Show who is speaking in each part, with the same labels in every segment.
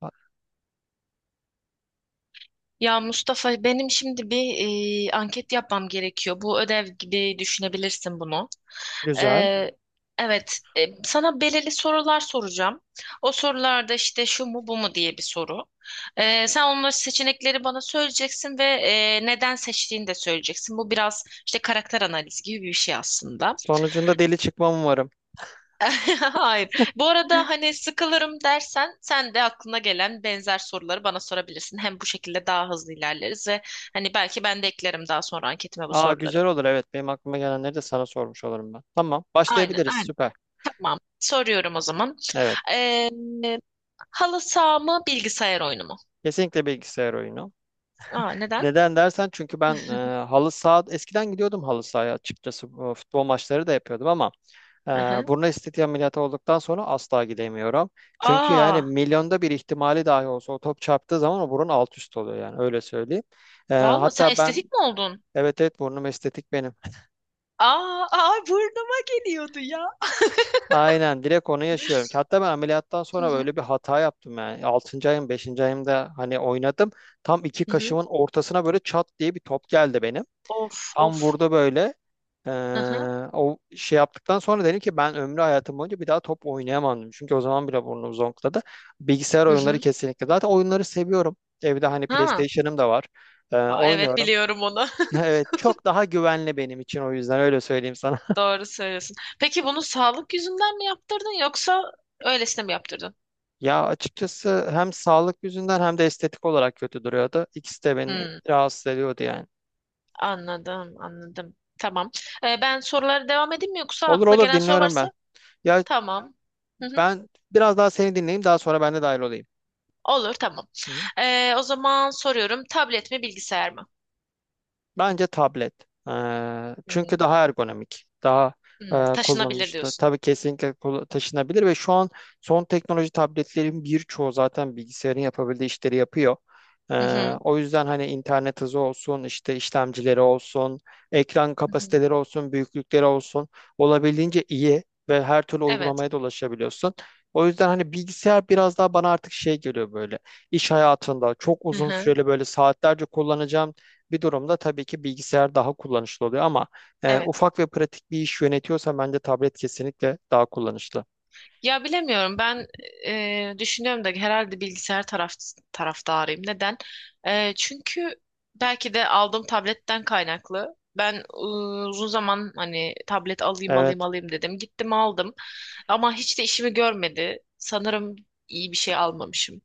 Speaker 1: Ha-
Speaker 2: Ya Mustafa benim şimdi bir anket yapmam gerekiyor. Bu ödev gibi düşünebilirsin bunu.
Speaker 1: Güzel.
Speaker 2: Ee, evet, sana belirli sorular soracağım. O sorularda işte şu mu bu mu diye bir soru. Sen onları seçenekleri bana söyleyeceksin ve neden seçtiğini de söyleyeceksin. Bu biraz işte karakter analizi gibi bir şey aslında.
Speaker 1: Sonucunda deli çıkmam umarım.
Speaker 2: Hayır. Bu arada hani sıkılırım dersen sen de aklına gelen benzer soruları bana sorabilirsin. Hem bu şekilde daha hızlı ilerleriz ve hani belki ben de eklerim daha sonra anketime bu
Speaker 1: Aa,
Speaker 2: soruları.
Speaker 1: güzel olur, evet. Benim aklıma gelenleri de sana sormuş olurum ben. Tamam,
Speaker 2: Aynen,
Speaker 1: başlayabiliriz,
Speaker 2: aynen.
Speaker 1: süper.
Speaker 2: Tamam. Soruyorum o zaman.
Speaker 1: Evet.
Speaker 2: Ee, halı saha mı, bilgisayar oyunu mu?
Speaker 1: Kesinlikle bilgisayar oyunu.
Speaker 2: Aa, neden?
Speaker 1: Neden dersen, çünkü ben halı saha eskiden gidiyordum, halı sahaya açıkçası. Bu futbol maçları da yapıyordum ama Ee,
Speaker 2: Aha.
Speaker 1: burun estetiği ameliyatı olduktan sonra asla gidemiyorum. Çünkü yani
Speaker 2: Aa,
Speaker 1: milyonda bir ihtimali dahi olsa o top çarptığı zaman o burun alt üst oluyor, yani öyle söyleyeyim.
Speaker 2: valla sen
Speaker 1: Hatta ben.
Speaker 2: estetik mi oldun?
Speaker 1: Evet, evet, burnum estetik benim.
Speaker 2: Aa, aa burnuma geliyordu ya.
Speaker 1: Aynen, direkt onu yaşıyorum. Hatta ben ameliyattan
Speaker 2: Hı
Speaker 1: sonra
Speaker 2: hı.
Speaker 1: böyle bir hata yaptım yani. 6. ayım, 5. ayımda hani oynadım. Tam iki
Speaker 2: Hı hı.
Speaker 1: kaşımın ortasına böyle çat diye bir top geldi benim.
Speaker 2: Of,
Speaker 1: Tam
Speaker 2: of.
Speaker 1: vurdu böyle.
Speaker 2: Hı hı.
Speaker 1: O şey yaptıktan sonra dedim ki ben ömrü hayatım boyunca bir daha top oynayamam. Çünkü o zaman bile burnum zonkladı. Bilgisayar
Speaker 2: Hı
Speaker 1: oyunları
Speaker 2: hı.
Speaker 1: kesinlikle. Zaten oyunları seviyorum. Evde hani
Speaker 2: Ha.
Speaker 1: PlayStation'ım da var.
Speaker 2: Aa, evet
Speaker 1: Oynuyorum.
Speaker 2: biliyorum onu.
Speaker 1: Evet, çok daha güvenli benim için, o yüzden öyle söyleyeyim sana.
Speaker 2: Doğru söylüyorsun. Peki bunu sağlık yüzünden mi yaptırdın yoksa öylesine mi yaptırdın?
Speaker 1: Ya açıkçası hem sağlık yüzünden hem de estetik olarak kötü duruyordu. İkisi de beni
Speaker 2: Hmm,
Speaker 1: rahatsız ediyordu yani.
Speaker 2: anladım, anladım. Tamam. Ben sorulara devam edeyim mi yoksa
Speaker 1: Olur,
Speaker 2: aklına
Speaker 1: olur,
Speaker 2: gelen soru
Speaker 1: dinliyorum ben.
Speaker 2: varsa?
Speaker 1: Ya,
Speaker 2: Tamam. Hı hı.
Speaker 1: ben biraz daha seni dinleyeyim, daha sonra ben de dahil olayım.
Speaker 2: Olur, tamam.
Speaker 1: Hı.
Speaker 2: O zaman soruyorum. Tablet mi, bilgisayar mı?
Speaker 1: Bence tablet.
Speaker 2: Hı
Speaker 1: Çünkü
Speaker 2: hı.
Speaker 1: daha ergonomik, daha
Speaker 2: Hmm, taşınabilir
Speaker 1: kullanışlı.
Speaker 2: diyorsun.
Speaker 1: Tabii kesinlikle, taşınabilir ve şu an son teknoloji tabletlerin birçoğu zaten bilgisayarın yapabildiği işleri yapıyor. Ee,
Speaker 2: Hı hı.
Speaker 1: o yüzden hani internet hızı olsun, işte işlemcileri olsun, ekran
Speaker 2: Hı hı.
Speaker 1: kapasiteleri olsun, büyüklükleri olsun olabildiğince iyi ve her türlü
Speaker 2: Evet.
Speaker 1: uygulamaya da ulaşabiliyorsun. O yüzden hani bilgisayar biraz daha bana artık şey geliyor böyle. İş hayatında çok
Speaker 2: Hı
Speaker 1: uzun
Speaker 2: hı.
Speaker 1: süreli böyle saatlerce kullanacağım bir durumda tabii ki bilgisayar daha kullanışlı oluyor ama
Speaker 2: Evet.
Speaker 1: ufak ve pratik bir iş yönetiyorsa bence tablet kesinlikle daha kullanışlı.
Speaker 2: Ya bilemiyorum ben, düşünüyorum da herhalde bilgisayar taraftarıyım. Neden? Çünkü belki de aldığım tabletten kaynaklı. Ben, uzun zaman hani tablet
Speaker 1: Evet.
Speaker 2: alayım dedim. Gittim aldım ama hiç de işimi görmedi. Sanırım iyi bir şey almamışım.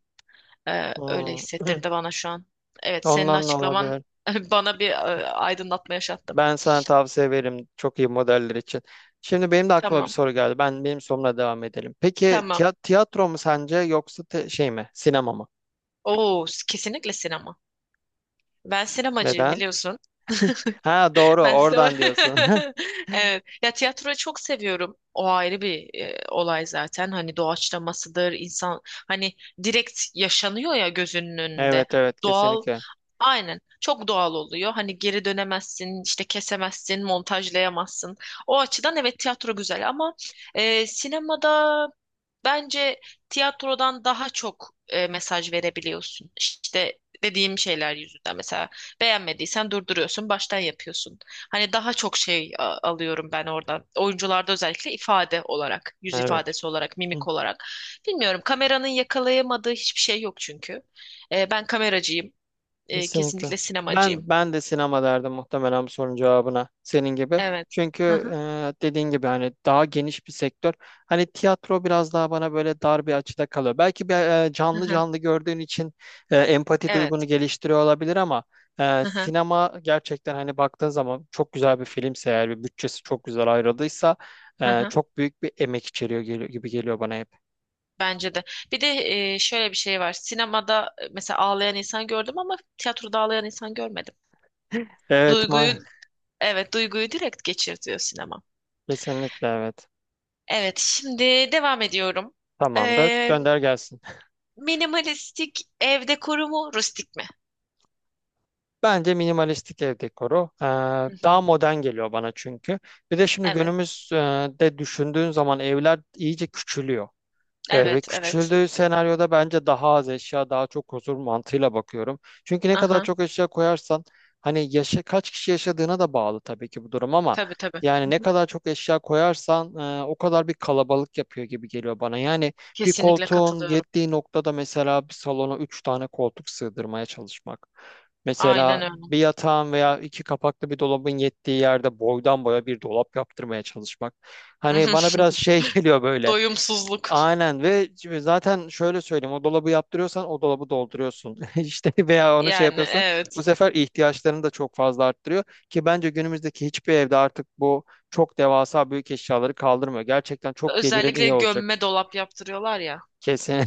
Speaker 2: Öyle
Speaker 1: Hmm.
Speaker 2: hissettirdi bana şu an. Evet senin
Speaker 1: Ondan da
Speaker 2: açıklaman
Speaker 1: olabilir.
Speaker 2: bana bir aydınlatma yaşattı.
Speaker 1: Ben sana tavsiye veririm çok iyi modeller için. Şimdi benim de aklıma bir
Speaker 2: Tamam,
Speaker 1: soru geldi. Ben benim sorumla devam edelim. Peki,
Speaker 2: tamam.
Speaker 1: tiyatro mu sence, yoksa şey mi? Sinema mı?
Speaker 2: Oo kesinlikle sinema. Ben sinemacıyım
Speaker 1: Neden?
Speaker 2: biliyorsun.
Speaker 1: Ha, doğru,
Speaker 2: Ben size...
Speaker 1: oradan diyorsun.
Speaker 2: Evet. Ya tiyatroyu çok seviyorum. O ayrı bir olay zaten. Hani doğaçlamasıdır, insan hani direkt yaşanıyor ya gözünün önünde.
Speaker 1: Evet, evet,
Speaker 2: Doğal
Speaker 1: kesinlikle.
Speaker 2: Aynen. Çok doğal oluyor. Hani geri dönemezsin, işte kesemezsin, montajlayamazsın. O açıdan evet tiyatro güzel ama sinemada bence tiyatrodan daha çok mesaj verebiliyorsun. İşte dediğim şeyler yüzünden mesela beğenmediysen durduruyorsun, baştan yapıyorsun. Hani daha çok şey alıyorum ben oradan. Oyuncularda özellikle ifade olarak, yüz
Speaker 1: Evet.
Speaker 2: ifadesi olarak, mimik olarak. Bilmiyorum kameranın yakalayamadığı hiçbir şey yok çünkü. Ben kameracıyım.
Speaker 1: Kesinlikle.
Speaker 2: Kesinlikle sinemacıyım.
Speaker 1: Ben de sinema derdim muhtemelen bu sorunun cevabına, senin gibi.
Speaker 2: Evet.
Speaker 1: Çünkü
Speaker 2: Hı
Speaker 1: e,
Speaker 2: hı,
Speaker 1: dediğin gibi hani daha geniş bir sektör. Hani tiyatro biraz daha bana böyle dar bir açıda kalıyor. Belki bir,
Speaker 2: hı
Speaker 1: canlı
Speaker 2: hı.
Speaker 1: canlı gördüğün için empati
Speaker 2: Evet.
Speaker 1: duygunu geliştiriyor olabilir ama
Speaker 2: Hı hı,
Speaker 1: sinema gerçekten, hani baktığın zaman çok güzel bir filmse eğer, bir bütçesi çok güzel ayrıldıysa
Speaker 2: hı hı.
Speaker 1: çok büyük bir emek içeriyor, geliyor, gibi geliyor bana hep.
Speaker 2: Bence de. Bir de şöyle bir şey var. Sinemada, mesela ağlayan insan gördüm ama tiyatroda ağlayan insan görmedim.
Speaker 1: Evet
Speaker 2: Duyguyu,
Speaker 1: ma,
Speaker 2: evet duyguyu direkt geçirtiyor sinema.
Speaker 1: kesinlikle evet.
Speaker 2: Evet, şimdi devam ediyorum.
Speaker 1: Tamamdır.
Speaker 2: Ee,
Speaker 1: Gönder gelsin.
Speaker 2: minimalistik ev dekoru mu, rustik mi?
Speaker 1: Bence minimalistik ev dekoru.
Speaker 2: Hı
Speaker 1: Daha
Speaker 2: hı.
Speaker 1: modern geliyor bana çünkü. Bir de şimdi
Speaker 2: Evet,
Speaker 1: günümüzde düşündüğün zaman evler iyice küçülüyor. Evet, ve
Speaker 2: evet, evet.
Speaker 1: küçüldüğü senaryoda bence daha az eşya, daha çok huzur mantığıyla bakıyorum. Çünkü ne kadar
Speaker 2: Aha,
Speaker 1: çok eşya koyarsan, hani yaşa, kaç kişi yaşadığına da bağlı tabii ki bu durum ama
Speaker 2: tabii tabii.
Speaker 1: yani
Speaker 2: Hı
Speaker 1: ne
Speaker 2: hı.
Speaker 1: kadar çok eşya koyarsan o kadar bir kalabalık yapıyor gibi geliyor bana. Yani bir
Speaker 2: Kesinlikle
Speaker 1: koltuğun
Speaker 2: katılıyorum.
Speaker 1: yettiği noktada mesela bir salona üç tane koltuk sığdırmaya çalışmak.
Speaker 2: Aynen
Speaker 1: Mesela
Speaker 2: öyle.
Speaker 1: bir yatağın veya iki kapaklı bir dolabın yettiği yerde boydan boya bir dolap yaptırmaya çalışmak. Hani bana biraz şey geliyor böyle.
Speaker 2: Doyumsuzluk.
Speaker 1: Aynen, ve şimdi zaten şöyle söyleyeyim, o dolabı yaptırıyorsan o dolabı dolduruyorsun işte, veya onu şey
Speaker 2: Yani
Speaker 1: yapıyorsan bu
Speaker 2: evet.
Speaker 1: sefer ihtiyaçlarını da çok fazla arttırıyor ki bence günümüzdeki hiçbir evde artık bu çok devasa büyük eşyaları kaldırmıyor, gerçekten çok gelirin
Speaker 2: Özellikle
Speaker 1: iyi olacak
Speaker 2: gömme dolap yaptırıyorlar ya.
Speaker 1: kesin.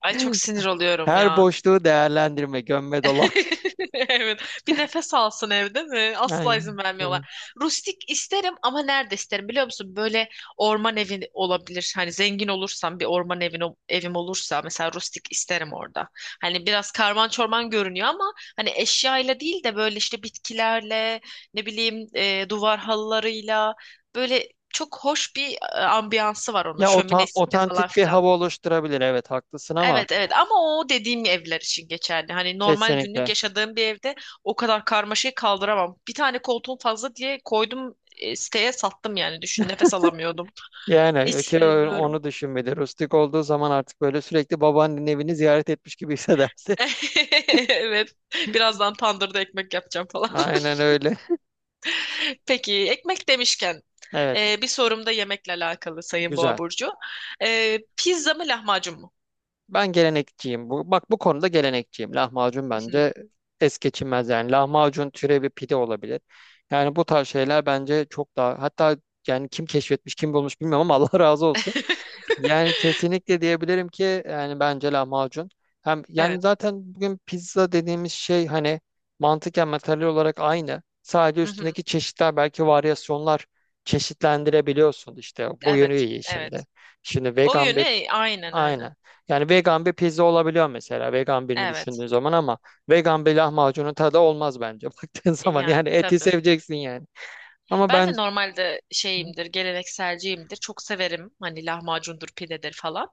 Speaker 2: Ay çok sinir oluyorum
Speaker 1: Her
Speaker 2: ya.
Speaker 1: boşluğu değerlendirme, gömme dola.
Speaker 2: Evet. Bir nefes alsın evde mi? Asla
Speaker 1: Yani,
Speaker 2: izin vermiyorlar. Rustik isterim ama nerede isterim biliyor musun? Böyle orman evi olabilir. Hani zengin olursam bir orman evim olursa mesela rustik isterim orada. Hani biraz karman çorman görünüyor ama hani eşyayla değil de böyle işte bitkilerle ne bileyim, duvar halılarıyla böyle çok hoş bir ambiyansı var onun
Speaker 1: ya
Speaker 2: şöminesiyle falan
Speaker 1: otantik bir
Speaker 2: filan.
Speaker 1: hava oluşturabilir, evet haklısın ama
Speaker 2: Evet evet ama o dediğim evler için geçerli. Hani normal günlük
Speaker 1: kesinlikle.
Speaker 2: yaşadığım bir evde o kadar karmaşayı kaldıramam. Bir tane koltuğum fazla diye koydum, siteye sattım yani düşün nefes alamıyordum. Hiç
Speaker 1: Yani ki
Speaker 2: sevmiyorum.
Speaker 1: onu düşün, rustik olduğu zaman artık böyle sürekli babaannenin evini ziyaret etmiş gibi hissedersin.
Speaker 2: Evet. Birazdan tandırda ekmek yapacağım falan.
Speaker 1: Aynen öyle.
Speaker 2: Peki ekmek demişken
Speaker 1: Evet.
Speaker 2: bir sorum da yemekle alakalı Sayın Boğa
Speaker 1: Güzel.
Speaker 2: Burcu. Pizza mı lahmacun mu?
Speaker 1: Ben gelenekçiyim. Bu, bak, bu konuda gelenekçiyim. Lahmacun
Speaker 2: Hı hı.
Speaker 1: bence es geçilmez yani. Lahmacun türevi bir pide olabilir. Yani bu tarz şeyler bence çok daha, hatta yani, kim keşfetmiş kim bulmuş bilmiyorum ama Allah razı olsun. Yani kesinlikle diyebilirim ki, yani bence lahmacun. Hem
Speaker 2: Evet.
Speaker 1: yani zaten bugün pizza dediğimiz şey hani mantıken materyal olarak aynı. Sadece
Speaker 2: Hı hı.
Speaker 1: üstündeki çeşitler, belki varyasyonlar çeşitlendirebiliyorsun işte. Bu yönü
Speaker 2: Evet.
Speaker 1: iyi
Speaker 2: Evet.
Speaker 1: şimdi. Şimdi
Speaker 2: O
Speaker 1: vegan bir,
Speaker 2: yönü aynen aynen.
Speaker 1: aynı. Yani vegan bir pizza olabiliyor mesela, vegan birini
Speaker 2: Evet.
Speaker 1: düşündüğün zaman ama vegan bir lahmacunun tadı olmaz bence baktığın zaman.
Speaker 2: Yani
Speaker 1: Yani eti
Speaker 2: tabii.
Speaker 1: seveceksin yani. Ama
Speaker 2: Ben
Speaker 1: ben.
Speaker 2: de normalde şeyimdir, gelenekselciyimdir. Çok severim hani lahmacundur, pidedir falan.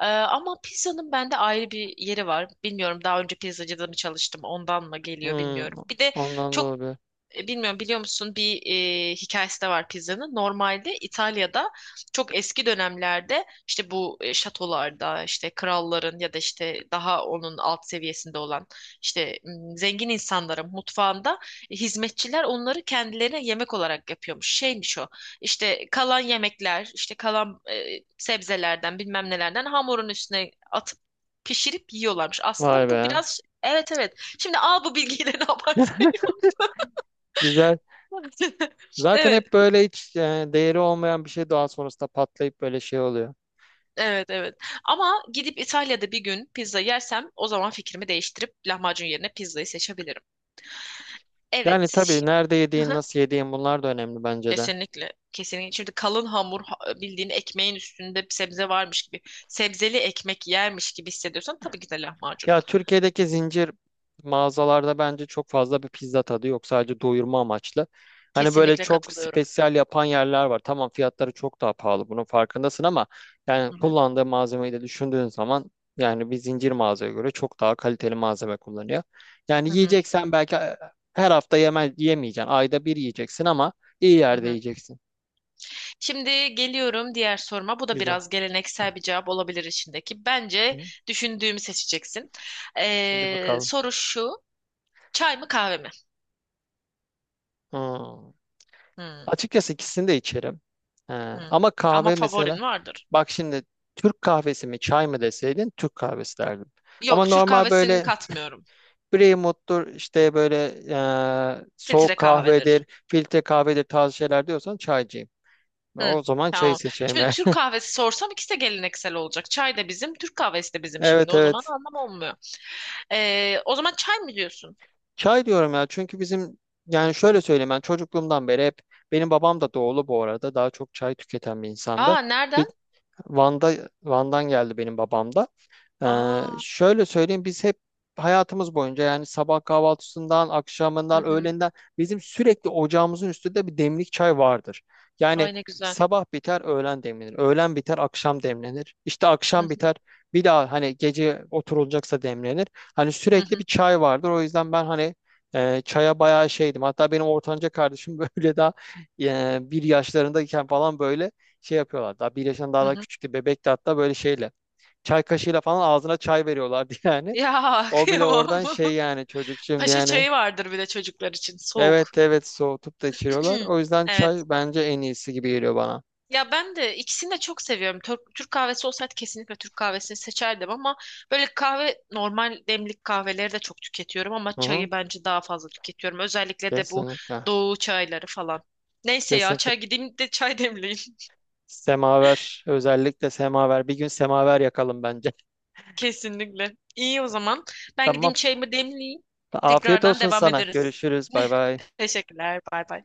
Speaker 2: Ama pizzanın bende ayrı bir yeri var. Bilmiyorum daha önce pizzacıda mı çalıştım ondan mı geliyor
Speaker 1: Hmm,
Speaker 2: bilmiyorum. Bir de
Speaker 1: ondan da
Speaker 2: çok,
Speaker 1: olabilir.
Speaker 2: bilmiyorum biliyor musun bir hikayesi de var pizzanın. Normalde İtalya'da çok eski dönemlerde işte bu, şatolarda işte kralların ya da işte daha onun alt seviyesinde olan işte, zengin insanların mutfağında hizmetçiler onları kendilerine yemek olarak yapıyormuş. Şeymiş o işte kalan yemekler işte kalan, sebzelerden bilmem nelerden hamurun üstüne atıp pişirip yiyorlarmış.
Speaker 1: Vay
Speaker 2: Aslında bu
Speaker 1: be.
Speaker 2: biraz evet evet. Şimdi al bu bilgiyi ne yaparsan
Speaker 1: Güzel. Zaten
Speaker 2: Evet,
Speaker 1: hep böyle hiç değeri olmayan bir şey daha sonrasında patlayıp böyle şey oluyor.
Speaker 2: evet, evet. Ama gidip İtalya'da bir gün pizza yersem o zaman fikrimi değiştirip lahmacun yerine pizzayı seçebilirim. Evet,
Speaker 1: Yani tabii
Speaker 2: şimdi
Speaker 1: nerede yediğin, nasıl yediğin, bunlar da önemli bence de.
Speaker 2: kesinlikle, kesinlikle. Şimdi kalın hamur bildiğin ekmeğin üstünde bir sebze varmış gibi, sebzeli ekmek yermiş gibi hissediyorsan tabii ki de lahmacun.
Speaker 1: Ya, Türkiye'deki zincir mağazalarda bence çok fazla bir pizza tadı yok. Sadece doyurma amaçlı. Hani böyle
Speaker 2: Kesinlikle
Speaker 1: çok
Speaker 2: katılıyorum.
Speaker 1: spesyal yapan yerler var. Tamam, fiyatları çok daha pahalı, bunun farkındasın ama yani
Speaker 2: Hı hı,
Speaker 1: kullandığı malzemeyi de düşündüğün zaman, yani bir zincir mağazaya göre çok daha kaliteli malzeme kullanıyor. Yani
Speaker 2: hı hı,
Speaker 1: yiyeceksen, belki her hafta yeme, yemeyeceksin. Ayda bir yiyeceksin ama iyi
Speaker 2: hı
Speaker 1: yerde
Speaker 2: hı.
Speaker 1: yiyeceksin.
Speaker 2: Şimdi geliyorum diğer soruma. Bu da
Speaker 1: Güzel.
Speaker 2: biraz geleneksel bir cevap olabilir içindeki. Bence
Speaker 1: Hı.
Speaker 2: düşündüğümü seçeceksin.
Speaker 1: Hadi bakalım.
Speaker 2: Soru şu. Çay mı kahve mi?
Speaker 1: Hmm.
Speaker 2: Hmm,
Speaker 1: Açıkçası ikisini de içerim. Ee,
Speaker 2: hmm.
Speaker 1: ama
Speaker 2: Ama
Speaker 1: kahve mesela,
Speaker 2: favorin vardır.
Speaker 1: bak şimdi, Türk kahvesi mi çay mı deseydin, Türk kahvesi derdim. Ama
Speaker 2: Yok, Türk
Speaker 1: normal
Speaker 2: kahvesini
Speaker 1: böyle
Speaker 2: katmıyorum.
Speaker 1: Brewmut'tur, işte böyle soğuk
Speaker 2: Filtre kahvedir.
Speaker 1: kahvedir, filtre kahvedir tarzı şeyler diyorsan, çaycıyım.
Speaker 2: Hmm,
Speaker 1: O zaman çayı
Speaker 2: tamam.
Speaker 1: seçerim
Speaker 2: Şimdi
Speaker 1: yani.
Speaker 2: Türk kahvesi sorsam ikisi de geleneksel olacak. Çay da bizim, Türk kahvesi de bizim şimdi.
Speaker 1: Evet,
Speaker 2: O zaman
Speaker 1: evet.
Speaker 2: anlam olmuyor. O zaman çay mı diyorsun?
Speaker 1: Çay diyorum ya, çünkü bizim, yani şöyle söyleyeyim, ben çocukluğumdan beri hep, benim babam da doğulu bu arada, daha çok çay tüketen bir insandı.
Speaker 2: Aa,
Speaker 1: Bir,
Speaker 2: nereden?
Speaker 1: Van'da, Van'dan geldi benim babam da.
Speaker 2: Aa,
Speaker 1: Şöyle söyleyeyim, biz hep hayatımız boyunca, yani sabah kahvaltısından,
Speaker 2: hı
Speaker 1: akşamından,
Speaker 2: hı.
Speaker 1: öğlenden, bizim sürekli ocağımızın üstünde bir demlik çay vardır. Yani
Speaker 2: Ay ne güzel.
Speaker 1: sabah biter öğlen demlenir, öğlen biter akşam demlenir, işte
Speaker 2: Hı
Speaker 1: akşam biter bir daha hani gece oturulacaksa demlenir. Hani
Speaker 2: hı
Speaker 1: sürekli
Speaker 2: hı
Speaker 1: bir çay vardır, o yüzden ben hani çaya bayağı şeydim. Hatta benim ortanca kardeşim böyle daha bir yaşlarındayken falan, böyle şey yapıyorlar. Daha bir yaşından daha
Speaker 2: hı.
Speaker 1: da
Speaker 2: hı.
Speaker 1: küçüktü, bebekti hatta, böyle şeyle. Çay kaşığıyla falan ağzına çay veriyorlardı yani.
Speaker 2: Ya
Speaker 1: O bile
Speaker 2: kıyamam.
Speaker 1: oradan şey yani, çocuk şimdi
Speaker 2: Paşa
Speaker 1: yani.
Speaker 2: çayı vardır bir de çocuklar için. Soğuk.
Speaker 1: Evet, evet, soğutup da içiriyorlar. O yüzden
Speaker 2: Evet.
Speaker 1: çay bence en iyisi gibi geliyor bana.
Speaker 2: Ya ben de ikisini de çok seviyorum. Türk kahvesi olsaydı kesinlikle Türk kahvesini seçerdim ama böyle kahve normal demlik kahveleri de çok tüketiyorum ama
Speaker 1: Hı hı,
Speaker 2: çayı bence daha fazla tüketiyorum. Özellikle de bu
Speaker 1: kesinlikle.
Speaker 2: doğu çayları falan. Neyse ya
Speaker 1: Kesinlikle.
Speaker 2: çay gideyim de çay demleyeyim
Speaker 1: Semaver. Özellikle semaver. Bir gün semaver yakalım bence.
Speaker 2: kesinlikle. İyi o zaman. Ben
Speaker 1: Tamam.
Speaker 2: gideyim çayımı demleyeyim.
Speaker 1: Afiyet
Speaker 2: Tekrardan
Speaker 1: olsun
Speaker 2: devam
Speaker 1: sana.
Speaker 2: ederiz.
Speaker 1: Görüşürüz. Bay bay.
Speaker 2: Teşekkürler. Bay bay.